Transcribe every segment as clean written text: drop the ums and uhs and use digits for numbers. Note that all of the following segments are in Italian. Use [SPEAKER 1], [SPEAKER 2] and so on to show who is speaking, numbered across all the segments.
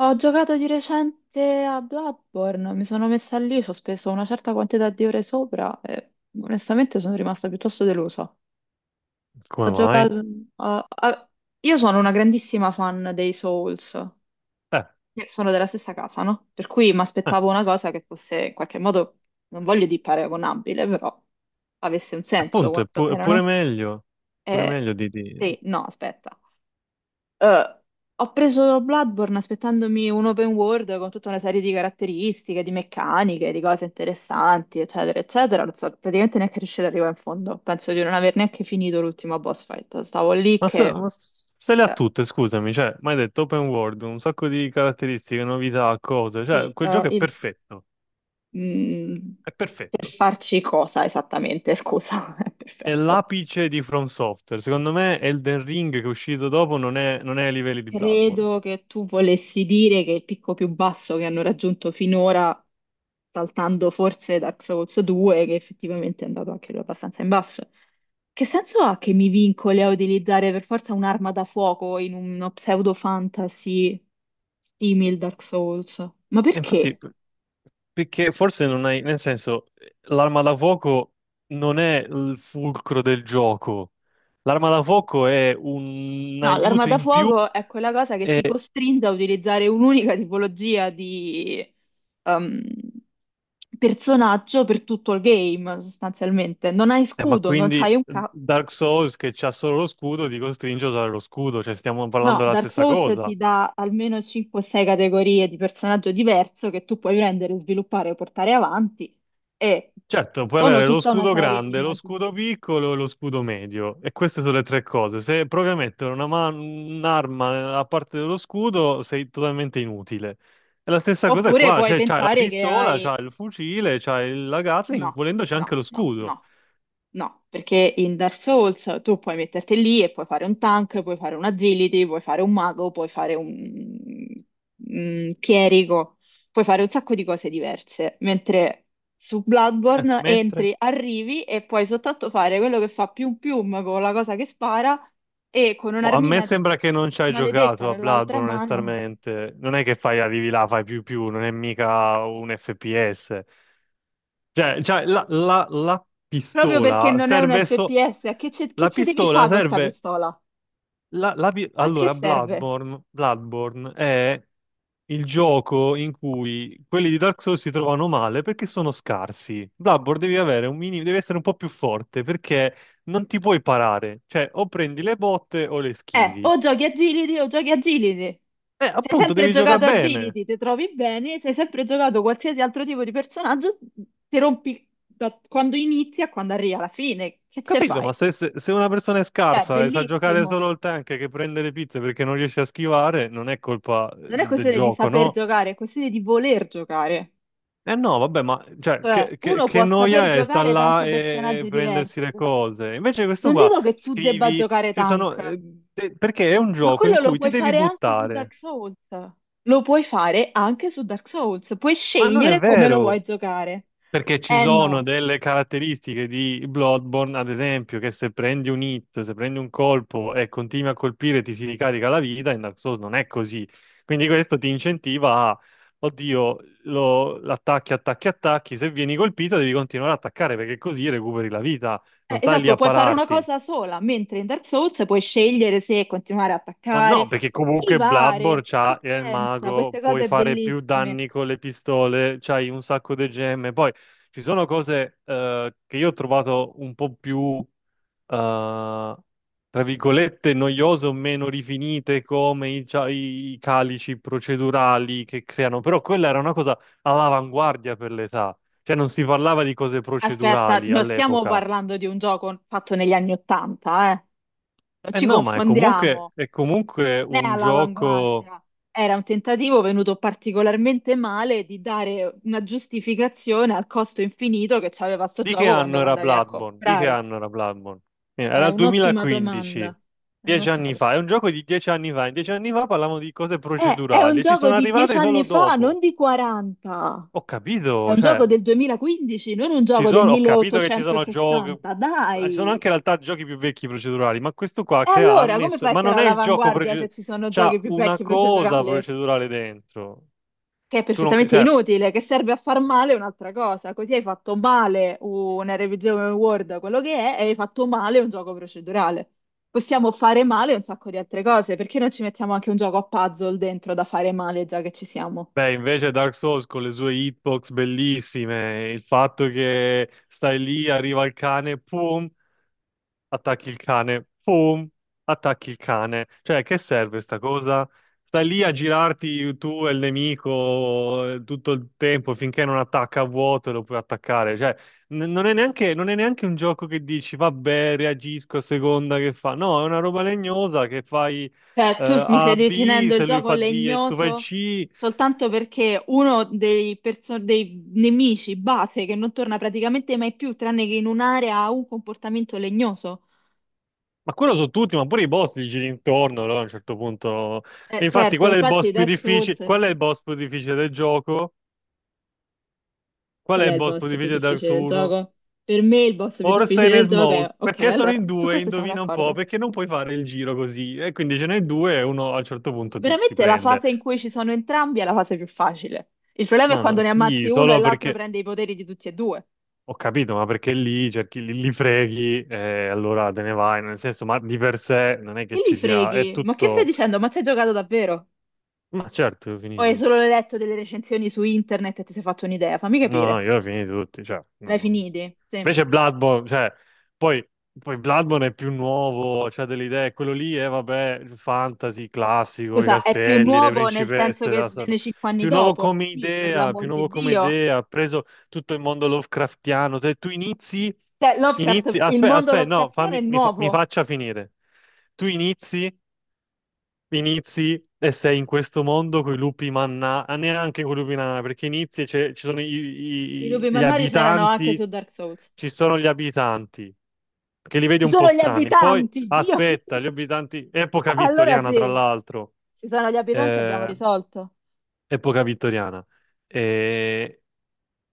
[SPEAKER 1] Ho giocato di recente a Bloodborne, mi sono messa lì, ci ho speso una certa quantità di ore sopra e onestamente sono rimasta piuttosto delusa.
[SPEAKER 2] Come
[SPEAKER 1] Ho
[SPEAKER 2] mai?
[SPEAKER 1] giocato... a- a- Io sono una grandissima fan dei Souls,
[SPEAKER 2] Eh,
[SPEAKER 1] che sono della stessa casa, no? Per cui mi
[SPEAKER 2] eh,
[SPEAKER 1] aspettavo una cosa che fosse in qualche modo, non voglio dire paragonabile, però avesse un senso
[SPEAKER 2] Appunto, è
[SPEAKER 1] quantomeno, no?
[SPEAKER 2] pure
[SPEAKER 1] E...
[SPEAKER 2] meglio di...
[SPEAKER 1] Sì, no, aspetta. Eh, ho preso Bloodborne aspettandomi un open world con tutta una serie di caratteristiche, di meccaniche, di cose interessanti, eccetera, eccetera. Non so, praticamente neanche riuscito ad arrivare in fondo. Penso di non aver neanche finito l'ultimo boss fight. Stavo lì
[SPEAKER 2] Ma, se,
[SPEAKER 1] che,
[SPEAKER 2] ma s- se le ha
[SPEAKER 1] cioè,
[SPEAKER 2] tutte, scusami, cioè, mi hai detto open world, un sacco di caratteristiche, novità, cose, cioè,
[SPEAKER 1] sì,
[SPEAKER 2] quel gioco è perfetto,
[SPEAKER 1] mm,
[SPEAKER 2] è
[SPEAKER 1] per
[SPEAKER 2] perfetto.
[SPEAKER 1] farci cosa esattamente? Scusa,
[SPEAKER 2] È
[SPEAKER 1] perfetto.
[SPEAKER 2] l'apice di From Software. Secondo me Elden Ring che è uscito dopo non è ai livelli di Bloodborne.
[SPEAKER 1] Credo che tu volessi dire che il picco più basso che hanno raggiunto finora, saltando forse Dark Souls 2, che effettivamente è andato anche lui abbastanza in basso. Che senso ha che mi vincoli a utilizzare per forza un'arma da fuoco in uno pseudo fantasy simil Dark Souls? Ma
[SPEAKER 2] E infatti,
[SPEAKER 1] perché?
[SPEAKER 2] perché forse non hai... Nel senso, l'arma da fuoco non è il fulcro del gioco. L'arma da fuoco è un
[SPEAKER 1] No, l'arma
[SPEAKER 2] aiuto
[SPEAKER 1] da
[SPEAKER 2] in più.
[SPEAKER 1] fuoco è quella cosa che ti
[SPEAKER 2] E,
[SPEAKER 1] costringe a utilizzare un'unica tipologia di ehm, personaggio per tutto il game, sostanzialmente. Non hai
[SPEAKER 2] ma
[SPEAKER 1] scudo, non
[SPEAKER 2] quindi
[SPEAKER 1] c'hai un ca...
[SPEAKER 2] Dark Souls che c'ha solo lo scudo ti costringe a usare lo scudo, cioè stiamo parlando
[SPEAKER 1] No,
[SPEAKER 2] della
[SPEAKER 1] Dark
[SPEAKER 2] stessa
[SPEAKER 1] Souls ti
[SPEAKER 2] cosa.
[SPEAKER 1] dà almeno 5-6 categorie di personaggio diverso che tu puoi prendere, sviluppare o portare avanti e
[SPEAKER 2] Certo, puoi
[SPEAKER 1] sono
[SPEAKER 2] avere lo
[SPEAKER 1] tutta una
[SPEAKER 2] scudo
[SPEAKER 1] serie di
[SPEAKER 2] grande, lo
[SPEAKER 1] modi.
[SPEAKER 2] scudo piccolo e lo scudo medio, e queste sono le tre cose. Se provi a mettere un'arma nella parte dello scudo, sei totalmente inutile. E la stessa cosa è
[SPEAKER 1] Oppure
[SPEAKER 2] qua,
[SPEAKER 1] puoi
[SPEAKER 2] cioè c'hai la
[SPEAKER 1] pensare che
[SPEAKER 2] pistola,
[SPEAKER 1] hai...
[SPEAKER 2] c'hai il fucile, c'hai la Gatling,
[SPEAKER 1] No,
[SPEAKER 2] volendo c'è anche
[SPEAKER 1] no,
[SPEAKER 2] lo
[SPEAKER 1] no,
[SPEAKER 2] scudo.
[SPEAKER 1] no. No, perché in Dark Souls tu puoi metterti lì e puoi fare un tank, puoi fare un agility, puoi fare un mago, puoi fare un chierico, puoi fare un sacco di cose diverse, mentre su Bloodborne
[SPEAKER 2] Mentre?
[SPEAKER 1] entri, arrivi e puoi soltanto fare quello che fa pium pium con la cosa che spara e con
[SPEAKER 2] Boh, a me
[SPEAKER 1] un'armina
[SPEAKER 2] sembra che non ci hai
[SPEAKER 1] maledetta
[SPEAKER 2] giocato a
[SPEAKER 1] nell'altra
[SPEAKER 2] Bloodborne,
[SPEAKER 1] mano,
[SPEAKER 2] onestamente. Non è che fai arrivi là, fai più più, non è mica un FPS. Cioè, la
[SPEAKER 1] proprio perché
[SPEAKER 2] pistola
[SPEAKER 1] non è un
[SPEAKER 2] serve so...
[SPEAKER 1] FPS, che
[SPEAKER 2] La
[SPEAKER 1] ce devi
[SPEAKER 2] pistola
[SPEAKER 1] fare con sta
[SPEAKER 2] serve...
[SPEAKER 1] pistola? A che
[SPEAKER 2] Allora,
[SPEAKER 1] serve?
[SPEAKER 2] Bloodborne è il gioco in cui quelli di Dark Souls si trovano male perché sono scarsi. Bloodborne devi avere un minimo, devi essere un po' più forte perché non ti puoi parare. Cioè, o prendi le botte o le schivi.
[SPEAKER 1] O giochi a Gilidi o giochi a Gilidi. Se hai
[SPEAKER 2] Appunto,
[SPEAKER 1] sempre
[SPEAKER 2] devi giocare
[SPEAKER 1] giocato a
[SPEAKER 2] bene.
[SPEAKER 1] Gilidi, ti trovi bene, se hai sempre giocato qualsiasi altro tipo di personaggio, ti rompi da quando inizi a quando arrivi alla fine.
[SPEAKER 2] Ho
[SPEAKER 1] Che ce
[SPEAKER 2] capito,
[SPEAKER 1] fai?
[SPEAKER 2] ma se una persona è
[SPEAKER 1] È
[SPEAKER 2] scarsa e sa giocare
[SPEAKER 1] bellissimo.
[SPEAKER 2] solo il tank che prende le pizze perché non riesce a schivare, non è colpa
[SPEAKER 1] Non è
[SPEAKER 2] del
[SPEAKER 1] questione di
[SPEAKER 2] gioco,
[SPEAKER 1] saper
[SPEAKER 2] no?
[SPEAKER 1] giocare, è questione di voler giocare.
[SPEAKER 2] Eh no, vabbè, ma cioè,
[SPEAKER 1] Cioè,
[SPEAKER 2] che, che-
[SPEAKER 1] uno
[SPEAKER 2] che
[SPEAKER 1] può saper
[SPEAKER 2] noia è sta
[SPEAKER 1] giocare
[SPEAKER 2] là
[SPEAKER 1] tanti
[SPEAKER 2] e
[SPEAKER 1] personaggi
[SPEAKER 2] prendersi le
[SPEAKER 1] diversi.
[SPEAKER 2] cose. Invece questo
[SPEAKER 1] Non
[SPEAKER 2] qua,
[SPEAKER 1] dico che tu debba
[SPEAKER 2] scrivi,
[SPEAKER 1] giocare
[SPEAKER 2] ci sono...
[SPEAKER 1] tank,
[SPEAKER 2] perché è un
[SPEAKER 1] ma
[SPEAKER 2] gioco in
[SPEAKER 1] quello lo
[SPEAKER 2] cui ti
[SPEAKER 1] puoi
[SPEAKER 2] devi
[SPEAKER 1] fare anche su Dark
[SPEAKER 2] buttare.
[SPEAKER 1] Souls. Lo puoi fare anche su Dark Souls. Puoi
[SPEAKER 2] Ma non è
[SPEAKER 1] scegliere come lo vuoi
[SPEAKER 2] vero!
[SPEAKER 1] giocare.
[SPEAKER 2] Perché ci
[SPEAKER 1] Eh
[SPEAKER 2] sono
[SPEAKER 1] no.
[SPEAKER 2] delle caratteristiche di Bloodborne, ad esempio, che se prendi un hit, se prendi un colpo e continui a colpire ti si ricarica la vita, in Dark Souls non è così. Quindi questo ti incentiva a, oddio, lo, attacchi, attacchi, attacchi, se vieni colpito devi continuare ad attaccare perché così recuperi la vita, non stai lì
[SPEAKER 1] Esatto,
[SPEAKER 2] a
[SPEAKER 1] puoi fare una
[SPEAKER 2] pararti.
[SPEAKER 1] cosa sola, mentre in Dark Souls puoi scegliere se continuare a
[SPEAKER 2] Ma no,
[SPEAKER 1] attaccare,
[SPEAKER 2] perché comunque Bloodborne
[SPEAKER 1] schivare, tu
[SPEAKER 2] c'ha è il
[SPEAKER 1] pensa,
[SPEAKER 2] mago,
[SPEAKER 1] queste
[SPEAKER 2] puoi
[SPEAKER 1] cose
[SPEAKER 2] fare più
[SPEAKER 1] bellissime.
[SPEAKER 2] danni con le pistole, c'hai un sacco di gemme. Poi ci sono cose che io ho trovato un po' più, eh, tra virgolette, noiose o meno rifinite, come i calici procedurali che creano. Però quella era una cosa all'avanguardia per l'età. Cioè non si parlava di cose
[SPEAKER 1] Aspetta,
[SPEAKER 2] procedurali
[SPEAKER 1] non stiamo
[SPEAKER 2] all'epoca.
[SPEAKER 1] parlando di un gioco fatto negli anni Ottanta, eh? Non
[SPEAKER 2] Eh
[SPEAKER 1] ci
[SPEAKER 2] no, ma è comunque,
[SPEAKER 1] confondiamo.
[SPEAKER 2] è comunque
[SPEAKER 1] Non è
[SPEAKER 2] un gioco.
[SPEAKER 1] all'avanguardia, era un tentativo venuto particolarmente male di dare una giustificazione al costo infinito che c'aveva sto
[SPEAKER 2] Di che
[SPEAKER 1] gioco quando
[SPEAKER 2] anno
[SPEAKER 1] lo
[SPEAKER 2] era
[SPEAKER 1] andavi a
[SPEAKER 2] Bloodborne? Di che
[SPEAKER 1] comprare.
[SPEAKER 2] anno era Bloodborne?
[SPEAKER 1] È
[SPEAKER 2] Era il
[SPEAKER 1] un'ottima
[SPEAKER 2] 2015,
[SPEAKER 1] domanda. È
[SPEAKER 2] dieci
[SPEAKER 1] un'ottima
[SPEAKER 2] anni fa. È
[SPEAKER 1] domanda.
[SPEAKER 2] un gioco di 10 anni fa. In 10 anni fa parlavamo di cose
[SPEAKER 1] È un
[SPEAKER 2] procedurali e ci
[SPEAKER 1] gioco
[SPEAKER 2] sono
[SPEAKER 1] di dieci
[SPEAKER 2] arrivate solo
[SPEAKER 1] anni fa, non
[SPEAKER 2] dopo.
[SPEAKER 1] di 40.
[SPEAKER 2] Ho
[SPEAKER 1] È
[SPEAKER 2] capito,
[SPEAKER 1] un gioco
[SPEAKER 2] cioè,
[SPEAKER 1] del 2015, non un
[SPEAKER 2] ci
[SPEAKER 1] gioco del
[SPEAKER 2] sono, ho capito che ci sono giochi,
[SPEAKER 1] 1860.
[SPEAKER 2] ci sono
[SPEAKER 1] Dai!
[SPEAKER 2] anche in realtà giochi più vecchi procedurali, ma questo qua
[SPEAKER 1] E
[SPEAKER 2] crea, ha
[SPEAKER 1] allora, come
[SPEAKER 2] messo,
[SPEAKER 1] fai a
[SPEAKER 2] ma
[SPEAKER 1] essere
[SPEAKER 2] non è il gioco
[SPEAKER 1] all'avanguardia se
[SPEAKER 2] procedurale,
[SPEAKER 1] ci sono giochi
[SPEAKER 2] c'ha
[SPEAKER 1] più
[SPEAKER 2] una
[SPEAKER 1] vecchi
[SPEAKER 2] cosa
[SPEAKER 1] procedurali?
[SPEAKER 2] procedurale dentro.
[SPEAKER 1] Che è
[SPEAKER 2] Tu non,
[SPEAKER 1] perfettamente
[SPEAKER 2] cioè,
[SPEAKER 1] inutile, che serve a far male è un'altra cosa. Così hai fatto male una revisione Word, quello che è, e hai fatto male un gioco procedurale. Possiamo fare male un sacco di altre cose, perché non ci mettiamo anche un gioco a puzzle dentro da fare male già che ci siamo?
[SPEAKER 2] beh, invece Dark Souls con le sue hitbox bellissime, il fatto che stai lì, arriva il cane, pum, attacchi il cane, pum, attacchi il cane. Cioè, che serve sta cosa? Stai lì a girarti tu e il nemico tutto il tempo finché non attacca a vuoto e lo puoi attaccare. Cioè, non è neanche un gioco che dici, vabbè, reagisco a seconda che fa. No, è una roba legnosa che fai
[SPEAKER 1] Cioè, mi stai
[SPEAKER 2] A, B,
[SPEAKER 1] definendo il
[SPEAKER 2] se lui
[SPEAKER 1] gioco
[SPEAKER 2] fa D e tu fai
[SPEAKER 1] legnoso
[SPEAKER 2] C.
[SPEAKER 1] soltanto perché uno dei, dei nemici base che non torna praticamente mai più, tranne che in un'area, ha un comportamento legnoso.
[SPEAKER 2] Ma quello su tutti, ma pure i boss li giri intorno, allora a un certo punto... E infatti,
[SPEAKER 1] Certo,
[SPEAKER 2] qual è il
[SPEAKER 1] infatti
[SPEAKER 2] boss più
[SPEAKER 1] Dark
[SPEAKER 2] difficile?
[SPEAKER 1] Souls.
[SPEAKER 2] Qual è il boss più difficile del gioco? Qual
[SPEAKER 1] Qual
[SPEAKER 2] è
[SPEAKER 1] è
[SPEAKER 2] il
[SPEAKER 1] il
[SPEAKER 2] boss più
[SPEAKER 1] boss più
[SPEAKER 2] difficile di Dark
[SPEAKER 1] difficile del
[SPEAKER 2] Souls 1?
[SPEAKER 1] gioco? Per me il boss più
[SPEAKER 2] Ornstein
[SPEAKER 1] difficile
[SPEAKER 2] e
[SPEAKER 1] del gioco
[SPEAKER 2] Smoke.
[SPEAKER 1] è... Ok,
[SPEAKER 2] Perché sono
[SPEAKER 1] allora,
[SPEAKER 2] in
[SPEAKER 1] su
[SPEAKER 2] due?
[SPEAKER 1] questo siamo
[SPEAKER 2] Indovina un po',
[SPEAKER 1] d'accordo.
[SPEAKER 2] perché non puoi fare il giro così. E quindi ce n'è due e uno a un certo punto ti
[SPEAKER 1] Veramente la
[SPEAKER 2] prende.
[SPEAKER 1] fase in cui ci sono entrambi è la fase più facile. Il problema è
[SPEAKER 2] Ma no,
[SPEAKER 1] quando ne
[SPEAKER 2] sì,
[SPEAKER 1] ammazzi uno e
[SPEAKER 2] solo
[SPEAKER 1] l'altro
[SPEAKER 2] perché...
[SPEAKER 1] prende i poteri di tutti e due.
[SPEAKER 2] Ho capito, ma perché lì cerchi, li freghi e allora te ne vai. Nel senso, ma di per sé non è che
[SPEAKER 1] Che li
[SPEAKER 2] ci sia... È
[SPEAKER 1] freghi? Ma che stai
[SPEAKER 2] tutto...
[SPEAKER 1] dicendo? Ma ci hai giocato davvero?
[SPEAKER 2] Ma certo, ho
[SPEAKER 1] O
[SPEAKER 2] finito
[SPEAKER 1] hai solo
[SPEAKER 2] tutti.
[SPEAKER 1] letto delle recensioni su internet e ti sei fatto un'idea? Fammi
[SPEAKER 2] No, no,
[SPEAKER 1] capire.
[SPEAKER 2] io ho finiti tutti, cioè,
[SPEAKER 1] L'hai finiti? Sì.
[SPEAKER 2] invece Bloodborne, cioè, poi, poi Bloodborne è più nuovo, c'ha delle idee, quello lì è, vabbè, fantasy classico, i
[SPEAKER 1] Scusa, è più
[SPEAKER 2] castelli, le
[SPEAKER 1] nuovo nel senso
[SPEAKER 2] principesse,
[SPEAKER 1] che viene cinque anni
[SPEAKER 2] più nuovo
[SPEAKER 1] dopo?
[SPEAKER 2] come
[SPEAKER 1] Sì, per
[SPEAKER 2] idea, più
[SPEAKER 1] l'amor di
[SPEAKER 2] nuovo come
[SPEAKER 1] Dio.
[SPEAKER 2] idea, ha preso tutto il mondo Lovecraftiano, se tu inizi,
[SPEAKER 1] Cioè,
[SPEAKER 2] inizi,
[SPEAKER 1] Lovecraft, il
[SPEAKER 2] aspetta,
[SPEAKER 1] mondo
[SPEAKER 2] aspetta, no,
[SPEAKER 1] Lovecraftiano è
[SPEAKER 2] mi
[SPEAKER 1] nuovo.
[SPEAKER 2] faccia finire, tu inizi e sei in questo mondo con i lupi manna, ah, neanche con i lupi nana, perché inizi e c'è- ci sono i-
[SPEAKER 1] I lupi
[SPEAKER 2] i- gli
[SPEAKER 1] mannari c'erano anche
[SPEAKER 2] abitanti,
[SPEAKER 1] su Dark Souls.
[SPEAKER 2] ci sono gli abitanti, che li vedi
[SPEAKER 1] Ci
[SPEAKER 2] un po'
[SPEAKER 1] sono gli
[SPEAKER 2] strani. Poi,
[SPEAKER 1] abitanti, Dio
[SPEAKER 2] aspetta,
[SPEAKER 1] mio!
[SPEAKER 2] gli abitanti, epoca
[SPEAKER 1] Allora
[SPEAKER 2] vittoriana tra
[SPEAKER 1] sì,
[SPEAKER 2] l'altro,
[SPEAKER 1] ci sono gli abitanti, abbiamo
[SPEAKER 2] eh,
[SPEAKER 1] risolto.
[SPEAKER 2] epoca vittoriana. Eh,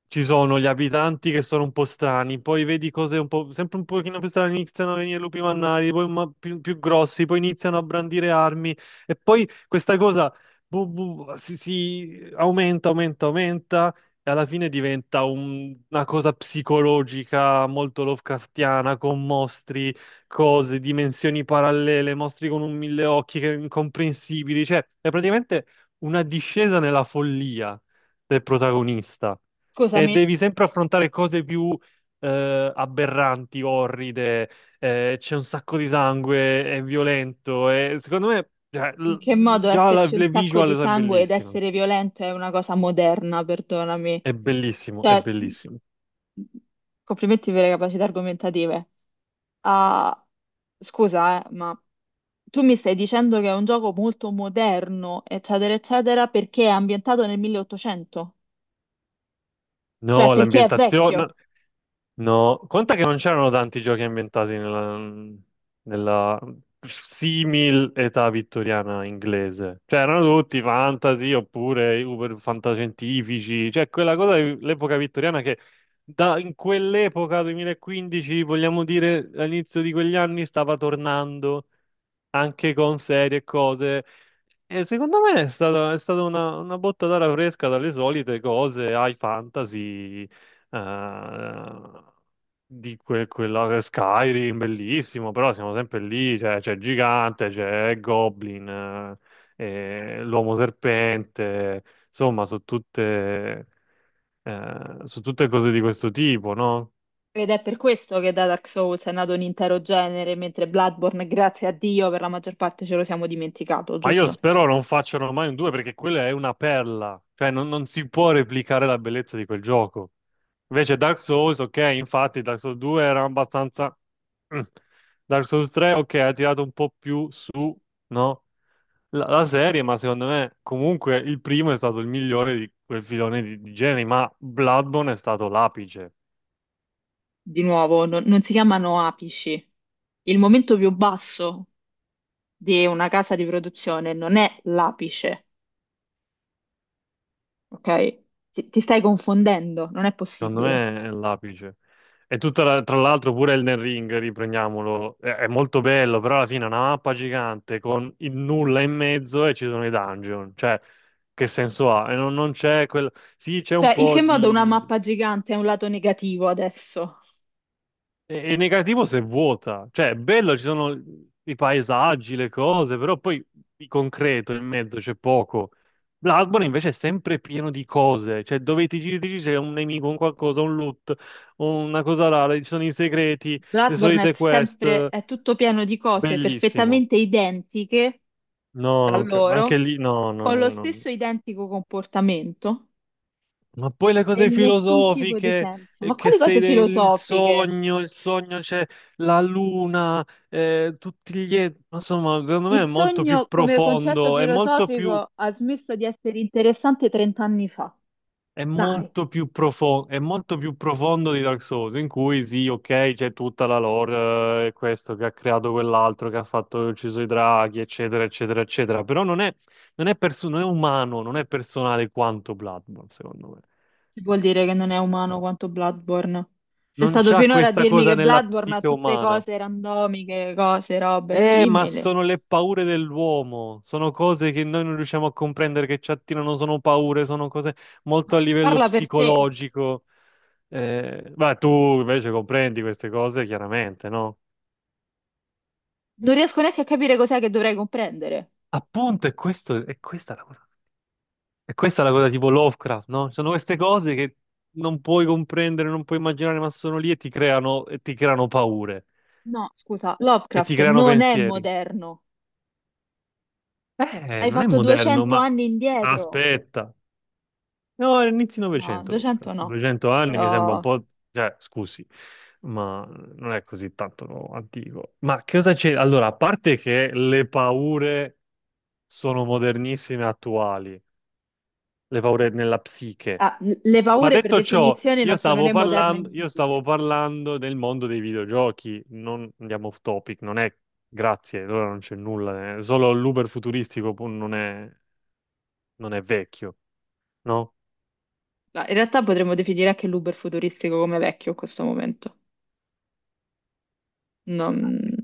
[SPEAKER 2] Ci sono gli abitanti che sono un po' strani, poi vedi cose un po', sempre un pochino più strane, iniziano a venire lupi mannari, poi più, più grossi, poi iniziano a brandire armi e poi questa cosa si aumenta, aumenta, aumenta e alla fine diventa una cosa psicologica molto Lovecraftiana con mostri, cose, dimensioni parallele, mostri con un mille occhi che incomprensibili, cioè è praticamente una discesa nella follia del protagonista. E
[SPEAKER 1] Scusami,
[SPEAKER 2] devi sempre affrontare cose più aberranti, orride, c'è un sacco di sangue, è violento. E secondo me, cioè,
[SPEAKER 1] in che
[SPEAKER 2] l-
[SPEAKER 1] modo
[SPEAKER 2] già la-
[SPEAKER 1] esserci un
[SPEAKER 2] le
[SPEAKER 1] sacco
[SPEAKER 2] visual
[SPEAKER 1] di
[SPEAKER 2] sono
[SPEAKER 1] sangue ed
[SPEAKER 2] bellissime.
[SPEAKER 1] essere violento è una cosa moderna, perdonami.
[SPEAKER 2] È bellissimo, è
[SPEAKER 1] Cioè,
[SPEAKER 2] bellissimo.
[SPEAKER 1] complimenti per le capacità argomentative. Ah, scusa, ma tu mi stai dicendo che è un gioco molto moderno, eccetera, eccetera, perché è ambientato nel 1800? Cioè,
[SPEAKER 2] No,
[SPEAKER 1] perché è
[SPEAKER 2] l'ambientazione.
[SPEAKER 1] vecchio?
[SPEAKER 2] No, no, conta che non c'erano tanti giochi ambientati nella simil età vittoriana inglese. Cioè, erano tutti fantasy oppure uber fantascientifici, cioè quella cosa dell'epoca vittoriana che da, in quell'epoca, 2015, vogliamo dire all'inizio di quegli anni, stava tornando anche con serie e cose. E secondo me è stata una botta d'aria fresca dalle solite cose, high fantasy, eh, di quella Skyrim, bellissimo, però siamo sempre lì, cioè, c'è il Gigante, c'è il Goblin, e l'Uomo Serpente, insomma, sono tutte cose di questo tipo, no?
[SPEAKER 1] Ed è per questo che da Dark Souls è nato un intero genere, mentre Bloodborne, grazie a Dio, per la maggior parte ce lo siamo dimenticato,
[SPEAKER 2] Ma io
[SPEAKER 1] giusto?
[SPEAKER 2] spero non facciano mai un 2 perché quella è una perla, cioè non si può replicare la bellezza di quel gioco. Invece Dark Souls, ok, infatti Dark Souls 2 era abbastanza... Mm. Dark Souls 3, ok, ha tirato un po' più su, no? La serie, ma secondo me comunque il primo è stato il migliore di quel filone di generi, ma Bloodborne è stato l'apice.
[SPEAKER 1] Di nuovo, non si chiamano apici. Il momento più basso di una casa di produzione non è l'apice, ok? Ti stai confondendo, non è
[SPEAKER 2] Secondo
[SPEAKER 1] possibile.
[SPEAKER 2] me è l'apice. E tra l'altro pure Elden Ring, riprendiamolo, è molto bello, però alla fine è una mappa gigante con il nulla in mezzo e ci sono i dungeon. Cioè, che senso ha? E non c'è quel... Sì, c'è un
[SPEAKER 1] Cioè, in
[SPEAKER 2] po'
[SPEAKER 1] che modo una
[SPEAKER 2] di...
[SPEAKER 1] mappa gigante è un lato negativo adesso?
[SPEAKER 2] E negativo se è vuota, cioè è bello, ci sono i paesaggi, le cose, però poi di concreto in mezzo c'è poco. Bloodborne invece è sempre pieno di cose, cioè dove ti giri c'è un nemico, un qualcosa, un loot, una cosa rara, ci sono i segreti, le
[SPEAKER 1] Bloodborne è
[SPEAKER 2] solite quest,
[SPEAKER 1] sempre, è tutto pieno di cose
[SPEAKER 2] bellissimo.
[SPEAKER 1] perfettamente identiche
[SPEAKER 2] No,
[SPEAKER 1] tra
[SPEAKER 2] non cre- ma
[SPEAKER 1] loro
[SPEAKER 2] anche lì, no, no,
[SPEAKER 1] con lo
[SPEAKER 2] no, no.
[SPEAKER 1] stesso identico comportamento
[SPEAKER 2] Ma poi le
[SPEAKER 1] e
[SPEAKER 2] cose
[SPEAKER 1] nessun tipo di
[SPEAKER 2] filosofiche,
[SPEAKER 1] senso. Ma
[SPEAKER 2] che
[SPEAKER 1] quali
[SPEAKER 2] sei
[SPEAKER 1] cose
[SPEAKER 2] il
[SPEAKER 1] filosofiche?
[SPEAKER 2] sogno, il sogno c'è la luna, tutti gli... Insomma, secondo me è
[SPEAKER 1] Il
[SPEAKER 2] molto più
[SPEAKER 1] sogno come concetto
[SPEAKER 2] profondo,
[SPEAKER 1] filosofico ha smesso di essere interessante 30 anni fa. Dai,
[SPEAKER 2] è molto più profondo di Dark Souls, in cui sì, ok, c'è tutta la lore, questo che ha creato quell'altro, che ha fatto, ucciso i draghi, eccetera, eccetera, eccetera, però non è umano, non è personale quanto Bloodborne, secondo me.
[SPEAKER 1] vuol dire che non è umano quanto Bloodborne. Sei
[SPEAKER 2] Non
[SPEAKER 1] stato
[SPEAKER 2] c'ha
[SPEAKER 1] finora a
[SPEAKER 2] questa
[SPEAKER 1] dirmi
[SPEAKER 2] cosa
[SPEAKER 1] che
[SPEAKER 2] nella
[SPEAKER 1] Bloodborne ha
[SPEAKER 2] psiche
[SPEAKER 1] tutte
[SPEAKER 2] umana.
[SPEAKER 1] cose randomiche, cose, robe
[SPEAKER 2] Ma
[SPEAKER 1] simili.
[SPEAKER 2] sono le paure dell'uomo, sono cose che noi non riusciamo a comprendere, che ci attirano, sono paure, sono cose molto
[SPEAKER 1] No,
[SPEAKER 2] a livello
[SPEAKER 1] parla per te.
[SPEAKER 2] psicologico. Ma tu invece comprendi queste cose, chiaramente, no?
[SPEAKER 1] Non riesco neanche a capire cos'è che dovrei comprendere.
[SPEAKER 2] Appunto, è questo, è questa la cosa. E questa è la cosa tipo Lovecraft, no? Ci sono queste cose che non puoi comprendere, non puoi immaginare, ma sono lì e ti creano paure,
[SPEAKER 1] No, scusa,
[SPEAKER 2] e ti
[SPEAKER 1] Lovecraft
[SPEAKER 2] creano
[SPEAKER 1] non è
[SPEAKER 2] pensieri.
[SPEAKER 1] moderno. Hai
[SPEAKER 2] Non è
[SPEAKER 1] fatto
[SPEAKER 2] moderno,
[SPEAKER 1] 200
[SPEAKER 2] ma
[SPEAKER 1] anni indietro?
[SPEAKER 2] aspetta. No, inizi
[SPEAKER 1] No,
[SPEAKER 2] Novecento
[SPEAKER 1] 200
[SPEAKER 2] Lovecraft.
[SPEAKER 1] no,
[SPEAKER 2] 200 anni mi sembra un
[SPEAKER 1] però
[SPEAKER 2] po'... Cioè, scusi, ma non è così tanto antico. Ma che cosa c'è? Allora, a parte che le paure sono modernissime e attuali, le paure nella psiche.
[SPEAKER 1] ah, le
[SPEAKER 2] Ma
[SPEAKER 1] paure per
[SPEAKER 2] detto ciò,
[SPEAKER 1] definizione
[SPEAKER 2] io
[SPEAKER 1] non sono
[SPEAKER 2] stavo
[SPEAKER 1] né moderne né
[SPEAKER 2] parlando, io stavo
[SPEAKER 1] antiche.
[SPEAKER 2] parlando del mondo dei videogiochi, non andiamo off topic, non è... Grazie, allora non c'è nulla, eh. Solo l'Uber futuristico pur non è vecchio, no?
[SPEAKER 1] No, in realtà potremmo definire anche l'Uber futuristico come vecchio in questo momento. Non...
[SPEAKER 2] Sì.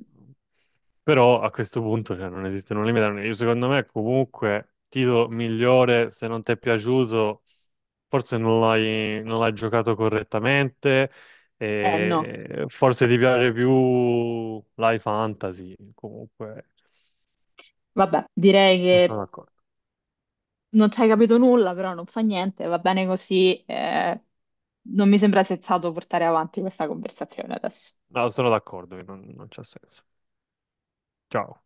[SPEAKER 2] Però a questo punto cioè, non esistono limiti. Io secondo me comunque titolo migliore, se non ti è piaciuto, forse non l'hai giocato correttamente,
[SPEAKER 1] Eh no,
[SPEAKER 2] e forse ti piace più Life Fantasy, comunque
[SPEAKER 1] vabbè, direi
[SPEAKER 2] non sono
[SPEAKER 1] che
[SPEAKER 2] d'accordo.
[SPEAKER 1] non ci hai capito nulla, però non fa niente, va bene così. Non mi sembra sensato portare avanti questa conversazione adesso.
[SPEAKER 2] No, sono d'accordo che non c'ha senso. Ciao.